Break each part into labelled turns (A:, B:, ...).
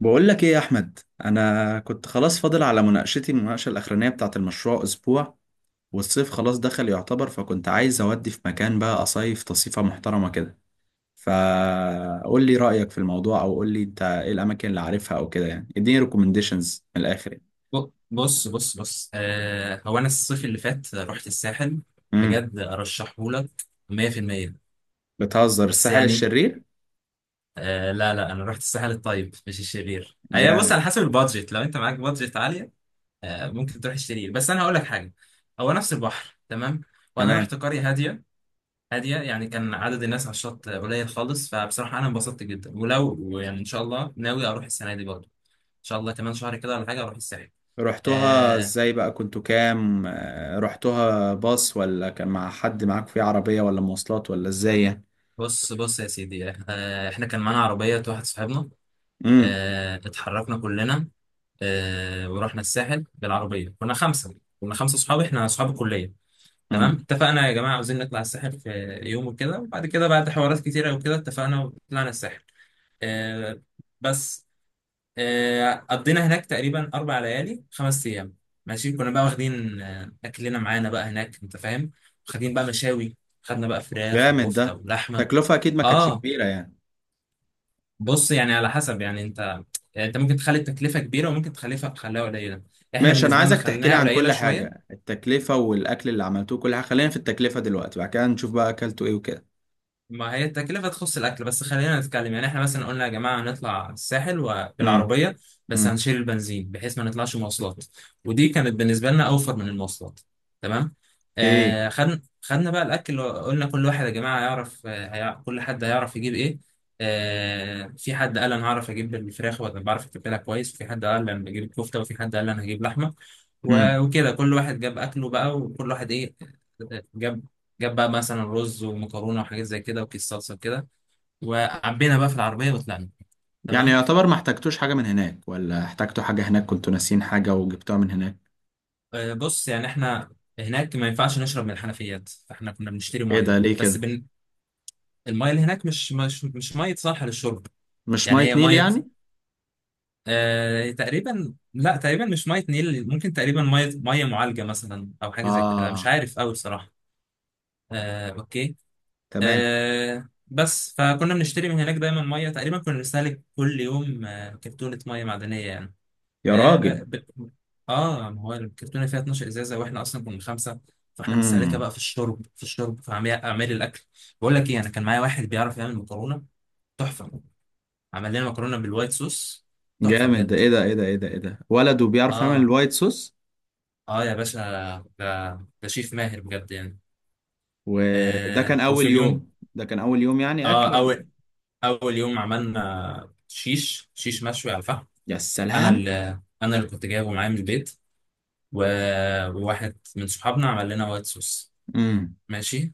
A: بقول لك ايه يا احمد. انا كنت خلاص فاضل على المناقشه الاخرانيه بتاعه المشروع اسبوع، والصيف خلاص دخل يعتبر، فكنت عايز اودي في مكان بقى اصيف تصيفه محترمه كده. فقول لي رايك في الموضوع، او قول لي انت ايه الاماكن اللي عارفها او كده يعني، اديني ريكومنديشنز من الاخر يعني.
B: بص هو انا الصيف اللي فات رحت الساحل
A: امم
B: بجد ارشحه لك 100%.
A: بتهزر
B: بس
A: الساحل
B: يعني
A: الشرير؟
B: لا لا انا رحت الساحل الطيب مش الشرير. اي بص،
A: جامد.
B: على حسب البادجت، لو انت معاك بادجت عاليه ممكن تروح الشرير، بس انا هقول لك حاجه. هو نفس البحر تمام، وانا
A: تمام.
B: رحت قريه هاديه. هاديه يعني كان عدد الناس على الشط قليل خالص، فبصراحه انا انبسطت جدا. ولو يعني ان شاء الله ناوي اروح السنه دي برضه، ان شاء الله كمان شهر كده ولا حاجه اروح الساحل.
A: رحتوها
B: آه،
A: ازاي بقى؟ كنتوا كام؟ رحتوها باص، ولا كان مع حد معاك في عربيه، ولا مواصلات، ولا ازاي يعني؟
B: بص بص يا سيدي، احنا كان معانا عربية واحد صاحبنا، اه اتحركنا كلنا، اه ورحنا الساحل بالعربية. كنا خمسة، كنا خمسة صحاب، احنا صحاب الكلية. تمام،
A: امم
B: اتفقنا يا جماعة عاوزين نطلع الساحل في يوم وكده، وبعد كده بعد حوارات كتيرة وكده اتفقنا وطلعنا الساحل. اه بس اه قضينا هناك تقريبا أربع ليالي خمس أيام. ماشي، كنا بقى واخدين أكلنا معانا بقى هناك أنت فاهم، واخدين بقى مشاوي، خدنا بقى فراخ
A: جامد
B: وكفتة
A: ده.
B: ولحمة.
A: تكلفة اكيد ما كانتش
B: اه
A: كبيرة يعني؟
B: بص، يعني على حسب يعني انت، يعني انت ممكن تخلي التكلفه كبيره وممكن تخليها قليله. احنا
A: ماشي، انا
B: بالنسبه لنا
A: عايزك تحكي لي
B: خليناها
A: عن
B: قليله
A: كل
B: شويه.
A: حاجة، التكلفة والاكل اللي عملتوه كل حاجة. خلينا في التكلفة دلوقتي، بعد كده نشوف بقى اكلتوا ايه وكده.
B: ما هي التكلفة تخص الأكل بس. خلينا نتكلم يعني إحنا مثلا قلنا يا جماعة هنطلع الساحل
A: امم
B: وبالعربية، بس
A: امم
B: هنشيل البنزين بحيث ما نطلعش مواصلات، ودي كانت بالنسبة لنا أوفر من المواصلات. تمام.
A: ايه.
B: خدنا بقى الأكل، قلنا كل واحد يا جماعة يعرف كل حد هيعرف يجيب إيه. في حد قال أنا هعرف أجيب الفراخ وأنا بعرف أتبلها كويس، وفي حد قال أنا هجيب الكفتة، وفي حد قال أنا هجيب لحمة.
A: امم
B: وكده كل واحد جاب أكله بقى، وكل واحد إيه، جاب بقى مثلا رز ومكرونه وحاجات زي كده وكيس صلصه كده، وعبينا بقى في العربيه وطلعنا.
A: يعني
B: تمام.
A: يعتبر ما احتاجتوش حاجة من هناك، ولا احتاجتوا حاجة هناك كنتوا ناسيين حاجة وجبتوها من هناك؟
B: بص يعني احنا هناك ما ينفعش نشرب من الحنفيات، فاحنا كنا بنشتري
A: ايه
B: ميه
A: ده؟ ليه
B: بس
A: كده؟
B: الميه اللي هناك مش ميه صالحه للشرب
A: مش
B: يعني.
A: مية
B: هي
A: نيل
B: ميه،
A: يعني؟
B: تقريبا مش ميه نيل، ممكن تقريبا ميه معالجه مثلا او حاجه زي كده، مش
A: اه.
B: عارف قوي بصراحه. اوكي.
A: تمام.
B: بس فكنا بنشتري من هناك دايما ميه. تقريبا كنا بنستهلك كل يوم كرتونه ميه معدنيه يعني.
A: يا
B: اه لا،
A: راجل.
B: ب- اه ما هو الكرتونه فيها 12 ازازه، واحنا اصلا كنا خمسه، فاحنا مستهلكه
A: امم
B: بقى في الشرب، في اعمال الاكل. بقول لك ايه، انا كان معايا واحد بيعرف يعمل مكرونه تحفه، عمل لنا مكرونه بالوايت صوص. تحفه
A: جامد ده.
B: بجد.
A: ايه ده ايه ده ايه ده ايه ده؟ ولد وبيعرف يعمل
B: اه
A: الوايت صوص؟
B: اه يا باشا، ده ده شيف ماهر بجد يعني.
A: وده
B: آه
A: كان
B: وفي
A: اول
B: اليوم
A: يوم؟ ده كان اول يوم يعني اكل؟
B: اه اول اول يوم عملنا شيش مشوي على الفحم.
A: يا
B: انا
A: سلام.
B: اللي انا اللي كنت جايبه معايا من البيت و... وواحد من صحابنا عمل لنا وايت صوص.
A: امم
B: ماشي.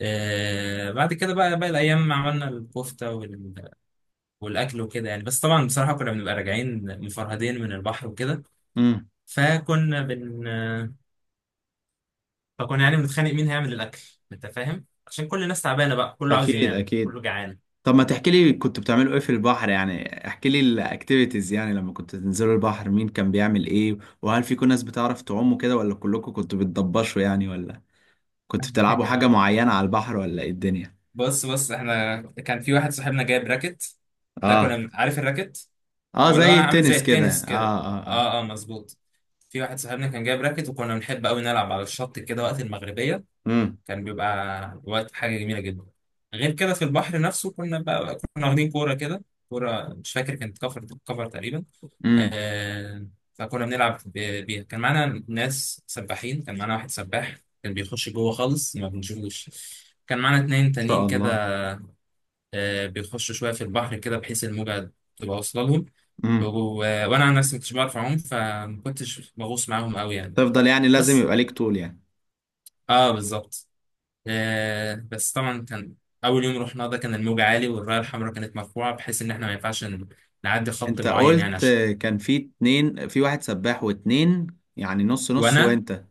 B: بعد كده بقى باقي الأيام عملنا الكفتة والأكل وكده يعني. بس طبعا بصراحة كنا بنبقى راجعين مفرهدين من البحر وكده،
A: امم
B: فكنا بن آه، فكنا يعني بنتخانق مين هيعمل الأكل، أنت فاهم، عشان كل الناس تعبانة بقى، كله عاوز
A: اكيد
B: ينام
A: اكيد.
B: كله جعان.
A: طب ما تحكي لي كنت بتعملوا ايه في البحر؟ يعني احكي لي الاكتيفيتيز يعني، لما كنت تنزلوا البحر مين كان بيعمل ايه؟ وهل في كون ناس بتعرف تعوم كده، ولا كلكم كنتوا بتضبشوا يعني، ولا كنتوا بتلعبوا حاجة معينة على البحر، ولا ايه الدنيا؟
B: بص بص، احنا كان في واحد صاحبنا جايب راكت.
A: اه.
B: عارف الراكت؟
A: اه
B: هو اللي هو
A: زي
B: عامل زي
A: التنس كده،
B: التنس كده.
A: اه
B: اه اه مظبوط. في واحد صاحبنا كان جايب راكت، وكنا بنحب قوي نلعب على الشط كده وقت المغربية،
A: امم
B: كان بيبقى وقت حاجة جميلة جدا. غير كده في البحر نفسه كنا بقى كنا واخدين كورة كده. كورة مش فاكر كانت كفر، كفر تقريبا.
A: ان
B: آه فكنا بنلعب بيها. كان معانا ناس سباحين، كان معانا واحد سباح كان بيخش جوه خالص ما بنشوفوش. كان معانا اتنين
A: شاء
B: تانيين كده
A: الله.
B: بيخشوا شوية في البحر كده بحيث الموجة تبقى واصلة لهم. و-
A: امم
B: وانا عن نفسي ما كنتش بعرف اعوم، فما كنتش بغوص معاهم قوي يعني.
A: تفضل يعني لازم
B: بس
A: يبقى ليك طول يعني.
B: اه بالظبط. آه بس طبعا كان اول يوم رحنا ده كان الموج عالي والرايه الحمراء كانت مرفوعه، بحيث ان احنا ما ينفعش نعدي خط
A: انت
B: معين يعني
A: قلت
B: عشان.
A: كان في اتنين، في واحد سباح واتنين، يعني نص نص،
B: وانا
A: وانت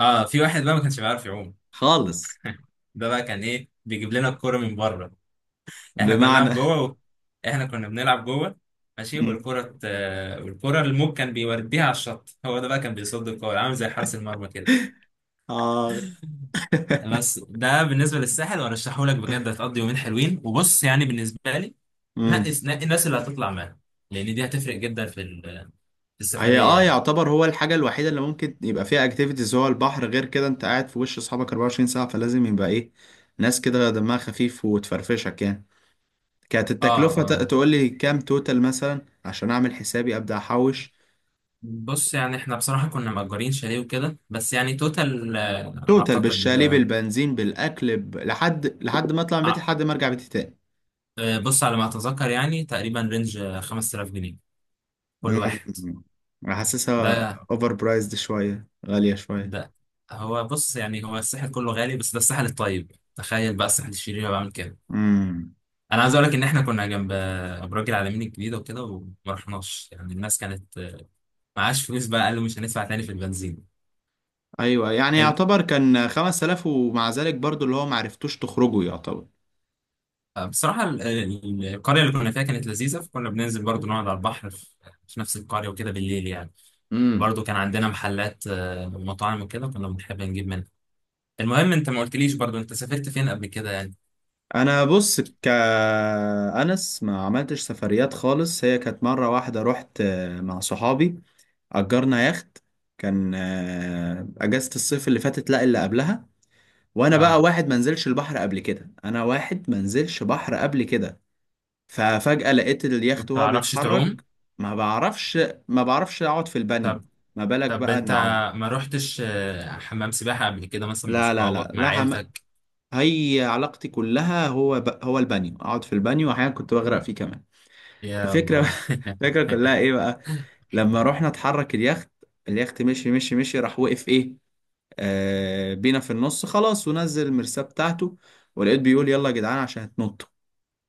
B: اه في واحد بقى ما كانش بيعرف يعوم.
A: خالص.
B: ده بقى كان ايه، بيجيب لنا الكوره من بره. احنا كنا
A: بمعنى؟
B: بنلعب جوه و... احنا كنا بنلعب جوه، ماشي،
A: مم.
B: والكره ت- آه، والكره الموج كان بيوديها على الشط، هو ده بقى كان بيصد الكوره عامل زي حارس المرمى كده.
A: اه.
B: بس ده بالنسبه للساحل، وارشحه لك بجد، هتقضي يومين حلوين. وبص يعني بالنسبه لي، نقي
A: مم.
B: نقي الناس اللي هتطلع معاها، لان دي هتفرق جدا في في
A: هي
B: السفريه
A: اه
B: يعني.
A: يعتبر هو الحاجة الوحيدة اللي ممكن يبقى فيها اكتيفيتيز هو البحر. غير كده انت قاعد في وش اصحابك 24 ساعة، فلازم يبقى ايه، ناس كده دمها خفيف وتفرفشك يعني. كانت
B: اه
A: التكلفة
B: اه
A: تقول لي كام توتال مثلا عشان اعمل حسابي ابدا احوش؟
B: بص يعني، احنا بصراحه كنا مأجرين شاليه وكده، بس يعني توتال
A: توتال
B: اعتقد
A: بالشاليه
B: اه،
A: بالبنزين بالاكل لحد ما اطلع من بيتي لحد ما ارجع بيتي تاني.
B: بص على ما اتذكر يعني تقريبا رينج 5000 جنيه كل واحد.
A: مم. حاسسها
B: ده
A: اوفر برايزد شوية، غالية شوية.
B: ده هو بص يعني، هو الساحل كله غالي، بس ده الساحل الطيب، تخيل بقى الساحل الشرير بعمل كده. انا عايز اقول لك ان احنا كنا جنب ابراج العالمين الجديده وكده وما رحناش، يعني الناس كانت معاش فلوس بقى، قالوا مش هندفع تاني في البنزين.
A: ايوه يعني
B: ال-
A: يعتبر كان 5,000، ومع ذلك برضو اللي هو معرفتوش تخرجوا يعتبر.
B: القريه اللي كنا فيها كانت لذيذه، فكنا بننزل برضو نقعد على البحر في في نفس القريه وكده بالليل يعني.
A: امم
B: برضو كان عندنا محلات ومطاعم وكده كنا بنحب نجيب منها. المهم انت ما قلتليش برضو انت سافرت فين قبل كده يعني؟
A: انا بص كأنس ما عملتش سفريات خالص. هي كانت مرة واحدة رحت مع صحابي، أجرنا يخت. كان أجازة الصيف اللي فاتت، لا اللي قبلها. وأنا بقى
B: اه
A: واحد منزلش البحر قبل كده، أنا واحد منزلش بحر قبل كده. ففجأة لقيت
B: ما
A: اليخت وهو
B: بتعرفش تعوم؟
A: بيتحرك. ما بعرفش، ما بعرفش أقعد في البانيو،
B: طب
A: ما بالك
B: طب
A: بقى إن
B: انت
A: أعوم.
B: ما رحتش حمام سباحه قبل كده مثلا مع
A: لا لا لا
B: صحابك مع
A: لا،
B: عيلتك؟
A: هي علاقتي كلها هو هو البانيو، اقعد في البانيو، واحيانا كنت بغرق فيه كمان.
B: يا
A: الفكره،
B: الله.
A: الفكره كلها ايه بقى؟ لما رحنا اتحرك اليخت، اليخت مشي، راح وقف ايه، آه بينا في النص خلاص، ونزل المرساه بتاعته. ولقيت بيقول يلا يا جدعان عشان هتنطوا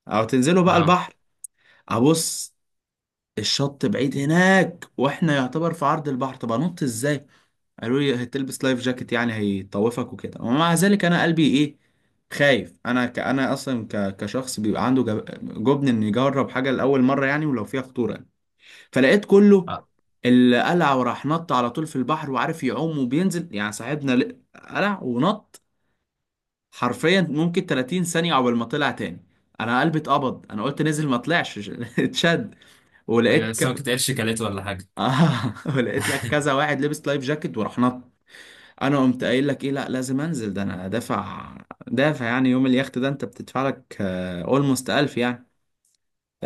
A: او تنزلوا بقى
B: اه
A: البحر. ابص، الشط بعيد هناك، واحنا يعتبر في عرض البحر، طب انط ازاي؟ قالوا لي هتلبس لايف جاكيت يعني هيطوفك وكده، ومع ذلك انا قلبي ايه، خايف. انا انا اصلا كشخص بيبقى عنده جبن ان يجرب حاجه لاول مره يعني، ولو فيها خطوره يعني. فلقيت كله
B: اه
A: اللي قلع وراح نط على طول في البحر وعارف يعوم وبينزل يعني، صاحبنا قلع ونط، حرفيا ممكن 30 ثانيه عقبال ما طلع تاني. انا قلبي اتقبض، انا قلت نزل ما طلعش. اتشد. ولقيت
B: سمكة قرش كلته ولا حاجة؟
A: آه. ولقيت لك كذا واحد لبس لايف جاكيت وراح نط. انا قمت قايل لك ايه، لا لازم انزل، ده انا دافع. دافع يعني، يوم اليخت ده انت بتدفع لك اولموست 1000 يعني.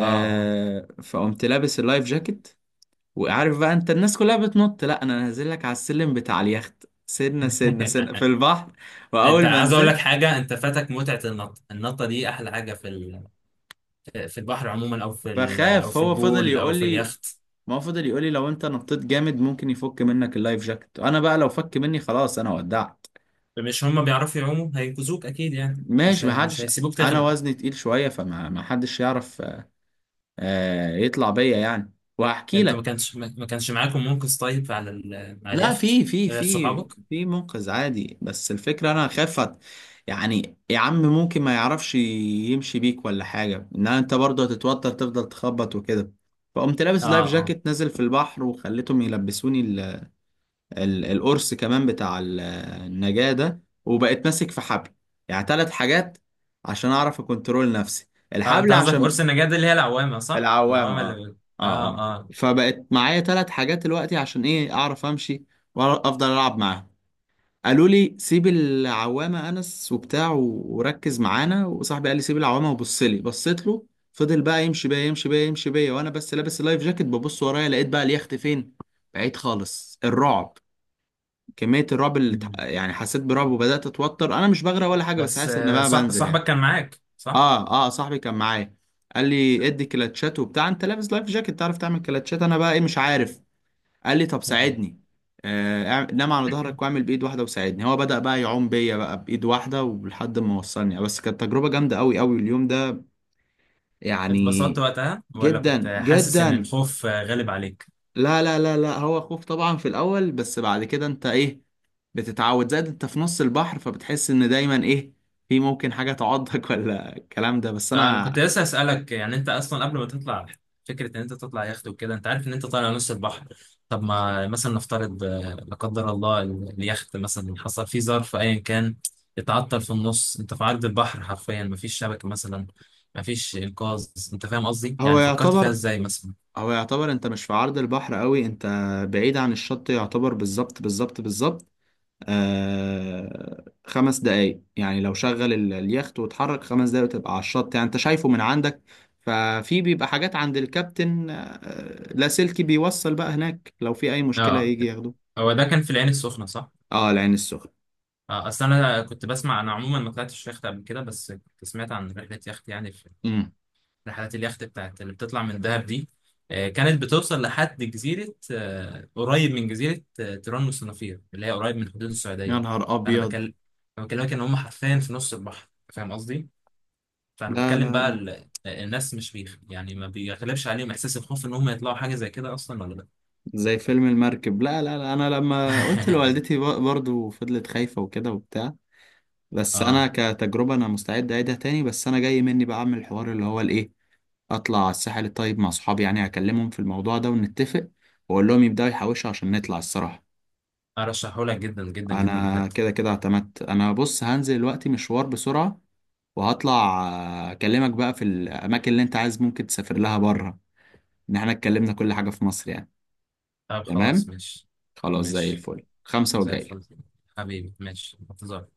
B: اه اه.
A: فقمت لابس اللايف جاكيت، وعارف بقى انت الناس كلها بتنط، لا انا نازل لك على السلم بتاع اليخت سنه سنه سنه في البحر.
B: انت
A: واول ما
B: عايز اقول لك
A: نزلت
B: حاجة، انت فاتك متعة النط، النطة دي احلى حاجة في في البحر عموما، او في او
A: بخاف،
B: في
A: هو فضل
B: البول او
A: يقول
B: في
A: لي،
B: اليخت.
A: ما هو فضل يقول لي لو انت نطيت جامد ممكن يفك منك اللايف جاكيت، انا بقى لو فك مني خلاص انا ودعت.
B: مش هم بيعرفوا يعوموا، هينقذوك اكيد يعني،
A: ماشي ما
B: مش
A: حدش،
B: هيسيبوك
A: انا
B: تغرق.
A: وزني تقيل شويه، فما ما حدش يعرف يطلع بيا يعني. وهحكي
B: انتوا ما
A: لك.
B: كانش ما كانش معاكم منقذ طيب على على
A: لا،
B: اليخت؟
A: في
B: غير صحابك؟
A: في منقذ عادي، بس الفكرة انا خافت، يعني يا عم ممكن ما يعرفش يمشي بيك ولا حاجة، ان انت برضه هتتوتر تفضل تخبط وكده. فقمت لابس
B: اه
A: لايف
B: اه
A: جاكيت نازل في البحر، وخليتهم يلبسوني ال القرص كمان بتاع النجاة ده، وبقيت ماسك في حبل، يعني ثلاث حاجات عشان اعرف اكنترول نفسي،
B: اه،
A: الحبل
B: انت قصدك قرص
A: عشان
B: النجاة دي اللي هي العوامة صح؟
A: العوامة.
B: العوامة
A: اه
B: اللي.
A: اه
B: اه
A: اه
B: اه.
A: فبقت معايا ثلاث حاجات دلوقتي عشان ايه، اعرف امشي وافضل العب معاها. قالوا لي سيب العوامة انس وبتاع، وركز معانا. وصاحبي قال لي سيب العوامة وبص لي، بصيت له. فضل بقى يمشي بيا، وانا بس لابس اللايف جاكيت، ببص ورايا لقيت بقى اليخت فين، بعيد خالص. الرعب، كمية الرعب اللي
B: مم.
A: يعني حسيت برعب وبدأت اتوتر، انا مش بغرق ولا حاجة بس
B: بس
A: حاسس ان بقى بنزل يعني.
B: صاحبك كان معاك صح؟
A: اه صاحبي كان معايا، قال لي ادي كلاتشات وبتاع، انت لابس لايف جاكيت تعرف تعمل كلاتشات؟ انا بقى ايه، مش عارف. قال لي طب ساعدني. آه نام على ظهرك واعمل بايد واحده وساعدني، هو بدأ بقى يعوم بيا بقى بايد واحده ولحد ما وصلني، بس كانت تجربه جامده قوي قوي اليوم ده يعني.
B: اتبسطت وقتها ولا كنت
A: جدا
B: حاسس ان
A: جدا،
B: الخوف غالب عليك؟
A: لا لا لا لا، هو خوف طبعا في الاول، بس بعد كده انت ايه، بتتعود. زائد انت في نص البحر، فبتحس ان دايما ايه، في ممكن حاجه تعضك ولا الكلام ده. بس
B: انا
A: انا
B: كنت لسه اسالك يعني، انت اصلا قبل ما تطلع، فكره ان انت تطلع يخت وكده، انت عارف ان انت طالع نص البحر. طب ما مثلا نفترض لا قدر الله اليخت مثلا حصل فيه ظرف ايا كان، اتعطل في النص، انت في عرض البحر حرفيا، مفيش شبكه مثلا، مفيش انقاذ، انت فاهم قصدي
A: هو
B: يعني؟ فكرت فيها
A: يعتبر
B: ازاي مثلا؟
A: هو يعتبر انت مش في عرض البحر قوي، انت بعيد عن الشط يعتبر، بالظبط بالظبط بالظبط. آه خمس دقايق يعني، لو شغل اليخت واتحرك خمس دقايق وتبقى على الشط يعني، انت شايفه من عندك. ففي بيبقى حاجات عند الكابتن آه لاسلكي بيوصل بقى هناك لو في اي مشكلة
B: اه،
A: يجي ياخده.
B: هو ده كان في العين السخنه صح؟
A: اه العين السخنة.
B: اصل انا كنت بسمع، انا عموما ما طلعتش يخت قبل كده، بس كنت سمعت عن رحله يخت يعني،
A: امم
B: رحلات اليخت بتاعت اللي بتطلع من دهب دي كانت بتوصل لحد جزيرة قريب من جزيرة تيران والصنافير، اللي هي قريب من حدود
A: يا
B: السعودية.
A: نهار
B: فأنا
A: ابيض.
B: بكلم بكلمك إن هم حرفيا في نص البحر، فاهم قصدي؟ فأنا
A: لا
B: بتكلم
A: لا
B: بقى
A: لا،
B: ال... آه، الناس مش بيخ... يعني ما بيغلبش عليهم إحساس الخوف إن هم يطلعوا حاجة زي كده أصلا ولا لأ؟
A: زي فيلم المركب، لا لا لا. انا لما قلت لوالدتي برضو فضلت خايفة وكده وبتاع. بس
B: آه
A: انا كتجربه انا مستعد اعيدها تاني، بس انا جاي مني بقى اعمل الحوار اللي هو الايه، اطلع على الساحل الطيب مع صحابي. يعني هكلمهم في الموضوع ده ونتفق، واقول لهم يبداوا يحوشوا عشان نطلع الصراحه.
B: أرشحهولك جدا جدا جدا
A: انا
B: بجد.
A: كده كده اعتمدت. انا بص هنزل دلوقتي مشوار بسرعه وهطلع، اكلمك بقى في الاماكن اللي انت عايز ممكن تسافر لها بره، ان احنا اتكلمنا كل حاجه في مصر يعني.
B: طب خلاص
A: تمام.
B: ماشي.
A: خلاص زي
B: ماشي،
A: الفل، خمسة
B: زي
A: وجاي.
B: الفل. حبيبي ماشي، انتظار.